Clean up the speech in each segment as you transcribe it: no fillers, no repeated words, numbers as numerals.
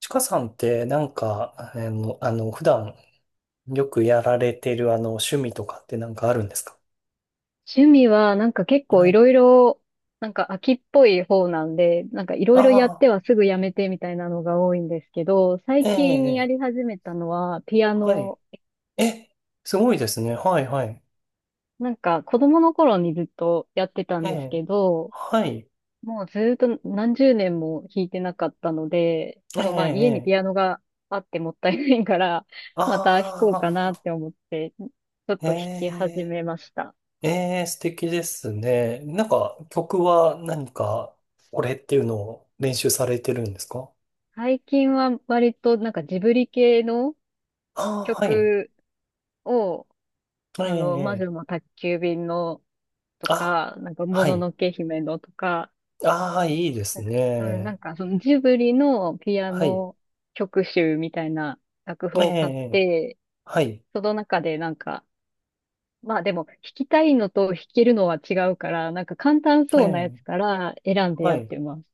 ちかさんってなんか、普段よくやられてる趣味とかってなんかあるんですか？趣味は、なんか結構はいい。ろいろ、なんか秋っぽい方なんで、なんかいろいろやってああ、はすぐやめてみたいなのが多いんですけど、え最近やえ、ええ、り始めたのはピアはい。ノ。え、すごいですね。はい、はい。なんか子供の頃にずっとやってたえんですえ、けど、はい。もうずっと何十年も弾いてなかったので、ええ、でもまあ家にえピアえ、ノがあってもったいないから、また弾こうあかなっあ、て思って、ちょっえと弾き始え、めました。ええ、素敵ですね。なんか、曲は何か、これっていうのを練習されてるんですか？最近は割となんかジブリ系のああ、はい。曲を、えあの、魔え、え女え、の宅急便のとあ、か、なんか、もはのい。のけ姫のとか、ああ、いいですうん、なんね。か、そのジブリのピアはい。ノ曲集みたいな楽譜えを買っえ、て、はい、その中でなんか、まあでも、弾きたいのと弾けるのは違うから、なんか簡単えそうなやえ、つから選んではやっい。てます。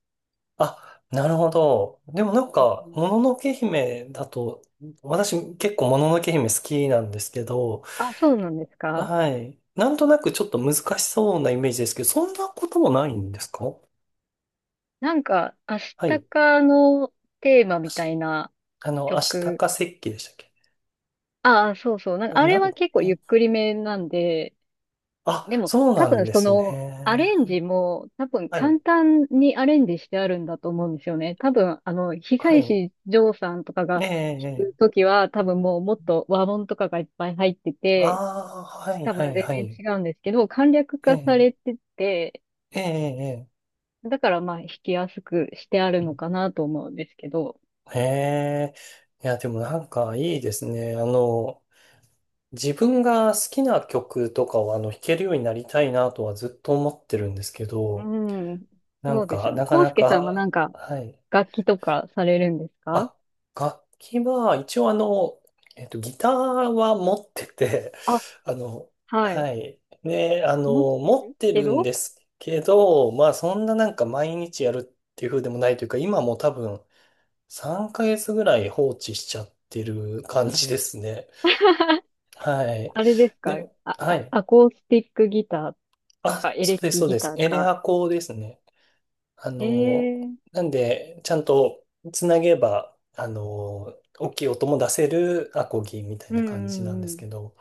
あ、なるほど。でもなんうか、ん。もののけ姫だと、私結構もののけ姫好きなんですけど、あ、そうなんですか？はい。なんとなくちょっと難しそうなイメージですけど、そんなこともないんですか？なんか、アシはタい。カのテーマあみたしいなあの、アシタ曲、カ石器でしたっけ？ああ、そうそう。なんか、ああなれん、は結構ゆっくりめなんで、あ、でも、そう多なん分でそすの、アね。レンジも、多分はい、簡単にアレンジしてあるんだと思うんですよね。多分、あの、は東い。石譲さんとかがええ、弾えくえ。ときは、多分もうもっと和音とかがいっぱい入ってあて、あ、はい、多は分い、全は然い。違うんですけど、簡略え化さえ、れてて、ええ、ええ。だからまあ弾きやすくしてあるのかなと思うんですけど。へえ。いや、でもなんかいいですね。自分が好きな曲とかを弾けるようになりたいなとはずっと思ってるんですけうど、ん、なそんうですか、よね。なか康な介さんはなか、んかはい。楽器とかされるんですか？あ、楽器は一応ギターは持ってて、あ、あの、はい。はい。ね、持って持るってけるんど ですけど、まあそんななんか毎日やるっていう風でもないというか、今も多分、3ヶ月ぐらい放置しちゃってる感じですね。はい。あれですでか？も、あ、はあい。アコースティックギターか、あ、エそレうです、キそうギです。ターエレか。アコですね。あえの、え。なんで、ちゃんとつなげば、大きい音も出せるアコギみたいうんなう感じなんでんうすけん。ど、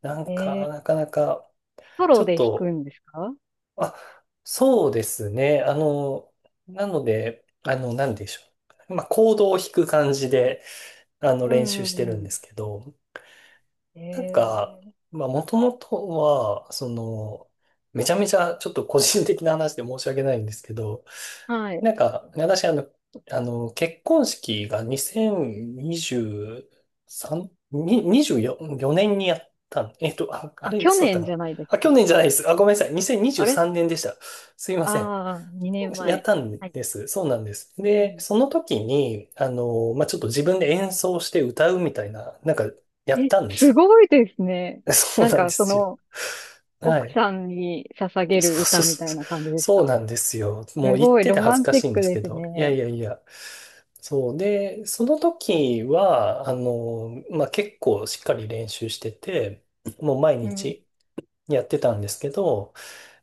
なんか、えなえ。かなか、ソちロょっで弾くと、んですか？あ、そうですね。なので、なんでしょう。まあ、コードを弾く感じで、う練習んうしてんうるんでん。すけど、なんか、ええ。まあ、もともとは、めちゃめちゃちょっと個人的な話で申し訳ないんですけど、はい。なんか、私、結婚式が2023、に24、4年にやったん、あ、ああ、れ、い去つだった年かじな。ゃないですあ、去か。年じゃないです。あ、ごめんなさい。2023あれ？年でした。すいません。ああー、2年やっ前。たんはい。です。そうなんです。うで、ん、その時に、まあ、ちょっと自分で演奏して歌うみたいな、なんか、やっえ、たんですすよ。ごいですね。そうなんなんか、でそすよ。の、は奥い。さんに捧そうげるそ歌うみたそいう。な感じですそうか？なんですよ。もすう言っごいてロて恥マずンかチしいッんクですでけすど。いやいね。やいや。そう。で、その時は、まあ、結構しっかり練習してて、もう毎うん。日やってたんですけど、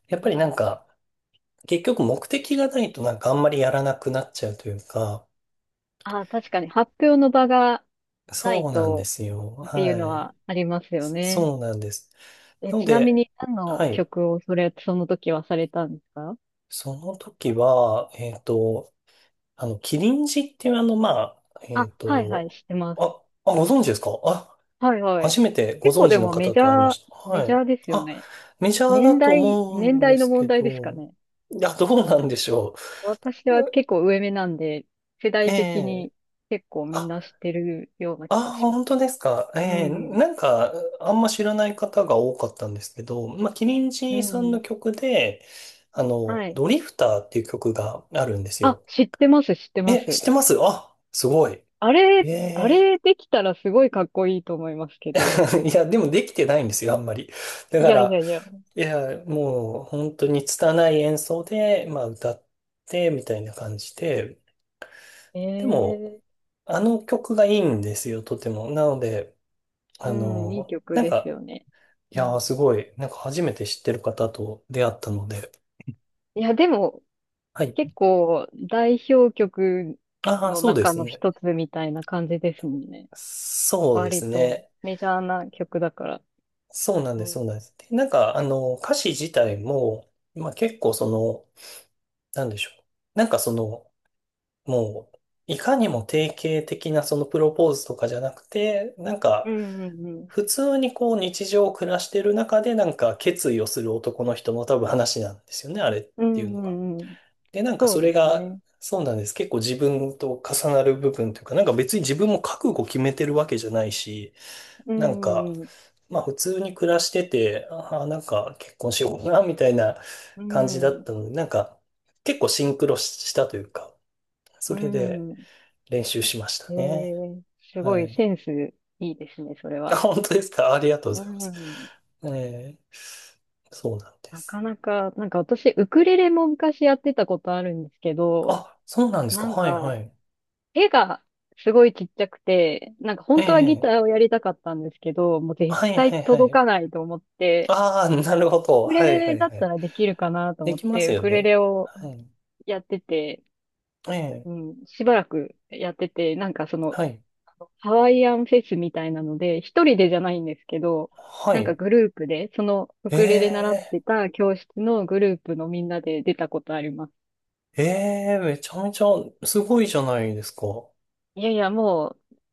やっぱうりなんん。か、結局目的がないとなんかあんまりやらなくなっちゃうというか、あ、確かに発表の場がないそうなんでとすよ。っていうはのい。はありますよね。そうなんです。え、なのちなみで、に何はのい。曲をそれ、その時はされたんですか？その時は、キリンジっていうまあ、あ、はいはい、知ってます。あ、あ、ご存知ですか？あ、はいはい。初めてご結構存知でのもメ方ジと会いまャー、した。メはジい。ャーですよあ、ね。メジャーだ年と代、思年うんで代のすけ問題ですかど、ね。いや、どまうあ、なん私、でしょ私は結う。構上目なんで、世え代的え、に結構みんあ、な知ってるような気があ、します。本当ですか？えうえ、ん。なんか、あんま知らない方が多かったんですけど、まあ、キリンうジさんのん。曲で、はい。ドリフターっていう曲があるんですあ、よ。知ってます、知ってまえ、す。知ってます？あ、すごい。あれ、えあえ。 れできたらすごいかっこいいと思いますけど。いや、でもできてないんですよ、あんまり。だいかやいら、やいや。いや、もう本当に拙い演奏で、まあ歌って、みたいな感じで、でも、ええ。あの曲がいいんですよ、とても。なので、うん、いい曲なんですか、よね。いうやー、ん。すごい、なんか初めて知ってる方と出会ったので、いや、でも、はい。結構、代表曲ああ、のそうで中すのね。一つみたいな感じですもんね。そうで割すと、ね。メジャーな曲だから。そうなんうです、ん。そうなんです。で、なんか、歌詞自体も、まあ結構なんでしょう。なんかもう、いかにも定型的なそのプロポーズとかじゃなくて、なんうか、んうんうん。普通にこう日常を暮らしてる中でなんか決意をする男の人の多分話なんですよね、あれっうていんうのうが。んうん。で、なんかそうそれですが、ね。そうなんです。結構自分と重なる部分というか、なんか別に自分も覚悟決めてるわけじゃないし、うなんんか、うんうまあ普通に暮らしてて、ああ、なんか結婚しようかな、みたいな感じだっん。たので、なんか結構シンクロしたというか、そうれで、ん。うん。練習しましたえね。え。すごはいい。センスいいですね、それあ、は。本当ですか？ありがとうごうざいます。ん。ええ、そうなんでなす。かなか、なんか私、ウクレレも昔やってたことあるんですけど、あ、そうなんですか？なんはいはか、い。絵がすごいちっちゃくて、なんかえ本当はギタえ、ーをやりたかったんですけど、もう絶はいは対いは届い。かないと思って、ああ、なるほど。ウクはレいはレいだっはたい。らできるかなとで思っきまて、すウよクレね。レをはい。やってて、ええ、うん、しばらくやってて、なんかその、はい。ハワイアンフェスみたいなので、一人でじゃないんですけど、はなんかい。グループで、そのウえクレレ習ってえ、た教室のグループのみんなで出たことあります。ええ、めちゃめちゃすごいじゃないですか。いやいや、も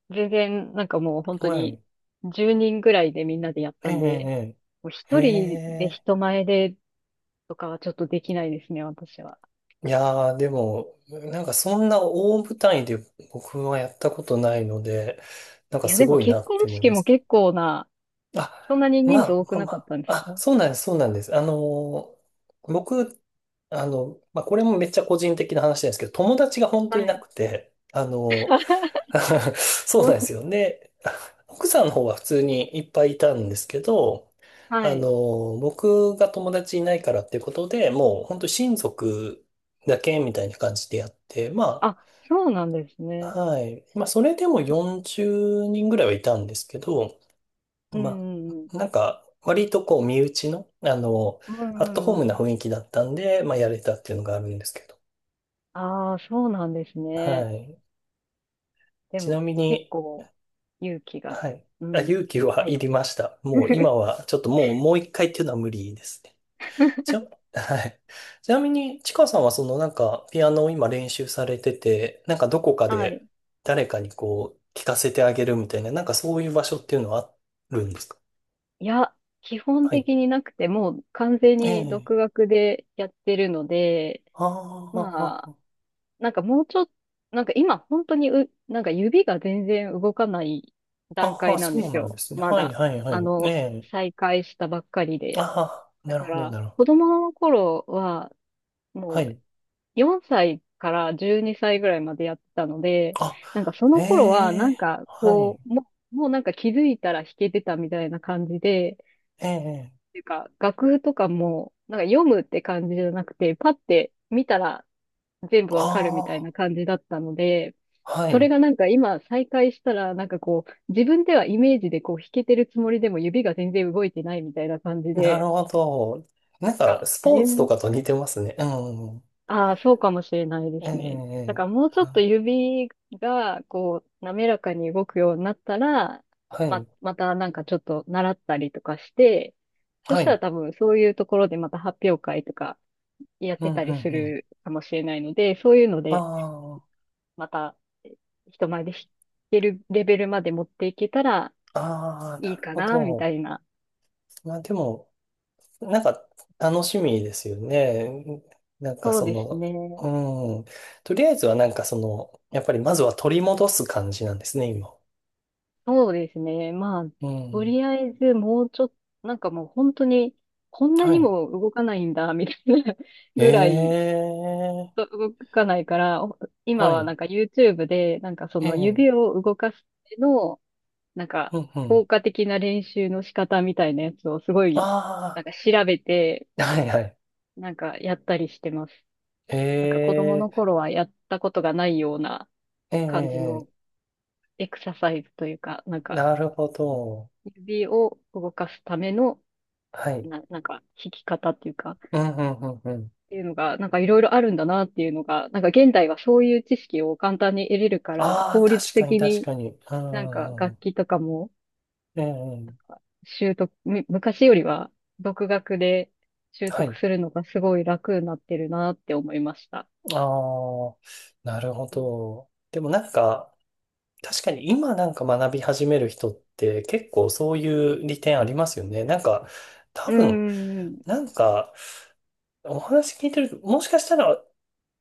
う、全然、なんかもう本当はに、い。10人ぐらいでみんなでやっえたんで、え、もうええ、え一人でえ。人前でとかはちょっとできないですね、私は。いやー、でも、なんかそんな大舞台で僕はやったことないので、なんかいや、すでもごいな結っ婚て思い式まもすね。結構な、あ、そんなに人ま数あ、多まくあ、なまかったんであ、すあ、か？そうなんです、そうなんです。ー僕、まあ、これもめっちゃ個人的な話なんですけど、友達が本当はいない。くて、そうどなんでう。すよ。で、奥さんの方は普通にいっぱいいたんですけど、はい。僕が友達いないからっていうことで、もう本当親族だけみたいな感じでやって、まあ、そうなんですあ、ね。はい。まあ、それでも40人ぐらいはいたんですけど、うんまうんうん。あ、なんか、割とこう、身内の、うんアうットホームんうなん。雰囲気だったんで、まあ、やれたっていうのがあるんですけど、ああ、そうなんですね。はい。でちもなみ結に、構勇気が。はい。うあ、ん。勇気ははいい。りました。もう今 は、ちょっともう、もう一回っていうのは無理ですね。ちな、はい。ちなみに、ちかさんはなんか、ピアノを今練習されてて、なんかどこかはい。で誰かにこう、聞かせてあげるみたいな、なんかそういう場所っていうのはあるんですか？いや、基本はい。的になくて、もう完全えにえ。独学でやってるので、あまあ、あ、なんかもうちょっと、なんか今本当になんか指が全然動かない段ああ、階なんそでうすなんでよ。すね。まはい、だ。はい、はあい。えの、え。再開したばっかりあで。あ、だなるかほど、ら、なるほ子ど。供の頃は、はもうい。4歳から12歳ぐらいまでやってたので、あ、なんかそえの頃は、なえ、んかはい。こう、もうなんか気づいたら弾けてたみたいな感じで、ええ、ていうか、楽譜とかも、なんか読むって感じじゃなくて、パって見たら全部わかるみたいあな感じだったので、あ、はそれい。がなんか今再開したら、なんかこう、自分ではイメージでこう弾けてるつもりでも指が全然動いてないみたいな感じなるで、ほど。なんか、あ、スポーツとかと似てますね。うん。ああ、そうかもしれないでええ、すね。だえかえ、らもうちょっとあ、指がこう、滑らかに動くようになったら、はま、い。またなんかちょっと習ったりとかして、そはしたらい。多分そういうところでまた発表会とかやっうん、うてん、うたりすん。るかもしれないので、そういうので、あまた人前で弾けるレベルまで持っていけたらあ、ああ、いないるかほな、みど。たいな。まあでも、なんか、楽しみですよね。なんかそうですね。うん。とりあえずはなんかやっぱりまずは取り戻す感じなんですね、今。そうですね。まあ、うとん。りあえずもうちょっと、なんかもう本当に、こんなはにい。も動かないんだ、みたいな えぐらいえ、動かないから、は今はい。なんか YouTube で、なんかそえのえ、指を動かすための、なんかうん、うん。効果的な練習の仕方みたいなやつをすごい、なあんか調べて、あ、はい、はい。なんかやったりしてます。なんか子供えのえ頃はやったことがないようなええ、感じのえエクササイズというか、なんえ、かなるほど。指を動かすための、はい。なんか弾き方っていうか、っうん、うん、うん、うん。ていうのが、なんかいろいろあるんだなっていうのが、なんか現代はそういう知識を簡単に得れるから、ああ、効率確かに、的確にかに。うなんん、うかんう楽ん。器とかもええ、習得、昔よりは独学で習は得い。するのがすごい楽になってるなって思いました。ああ、なるほうんど。でもなんか、確かに今なんか学び始める人って結構そういう利点ありますよね。なんか、多うん分、うんうん。なんか、お話聞いてると、もしかしたら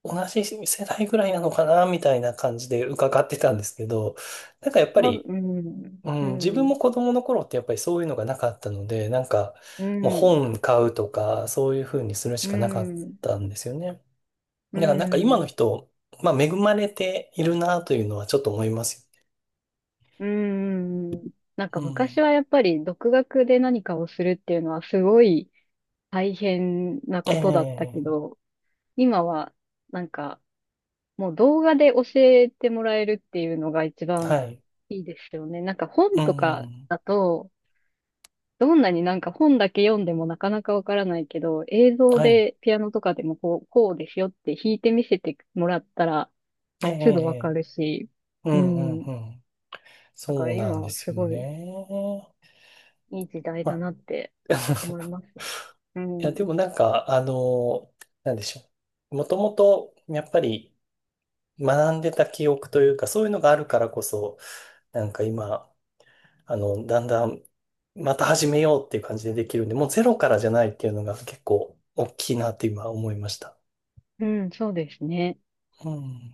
同じ世代ぐらいなのかな、みたいな感じで伺ってたんですけど、なんかやっぱ多分。り、ううん、自ん、分うもん、子供の頃ってやっぱりそういうのがなかったので、なんかうもうん、本買うとかそういうふうにするしかなかったんですよね。うだからなんか今のん、人、まあ恵まれているなというのはちょっと思いますうん。なんよか昔ね。はやっぱり独学で何かをするっていうのはすごい大変なうん。ことだったけええ、ど、今はなんかもう動画で教えてもらえるっていうのが一は番い。いいですよね。なんかう本とかん。だと、どんなになんか本だけ読んでもなかなかわからないけど、映像はい。でピアノとかでもこう、こうですよって弾いてみせてもらったら、えすぐわかえ、るし、ううんうんん。うん。だかそらうな今んではすすよごいね。いい時代まだあ なって思い ます。ういやでん。もなんか、なんでしょう。もともとやっぱり学んでた記憶というか、そういうのがあるからこそ、なんか今、だんだん、また始めようっていう感じでできるんで、もうゼロからじゃないっていうのが結構大きいなって今思いました。うん、そうですね。うん。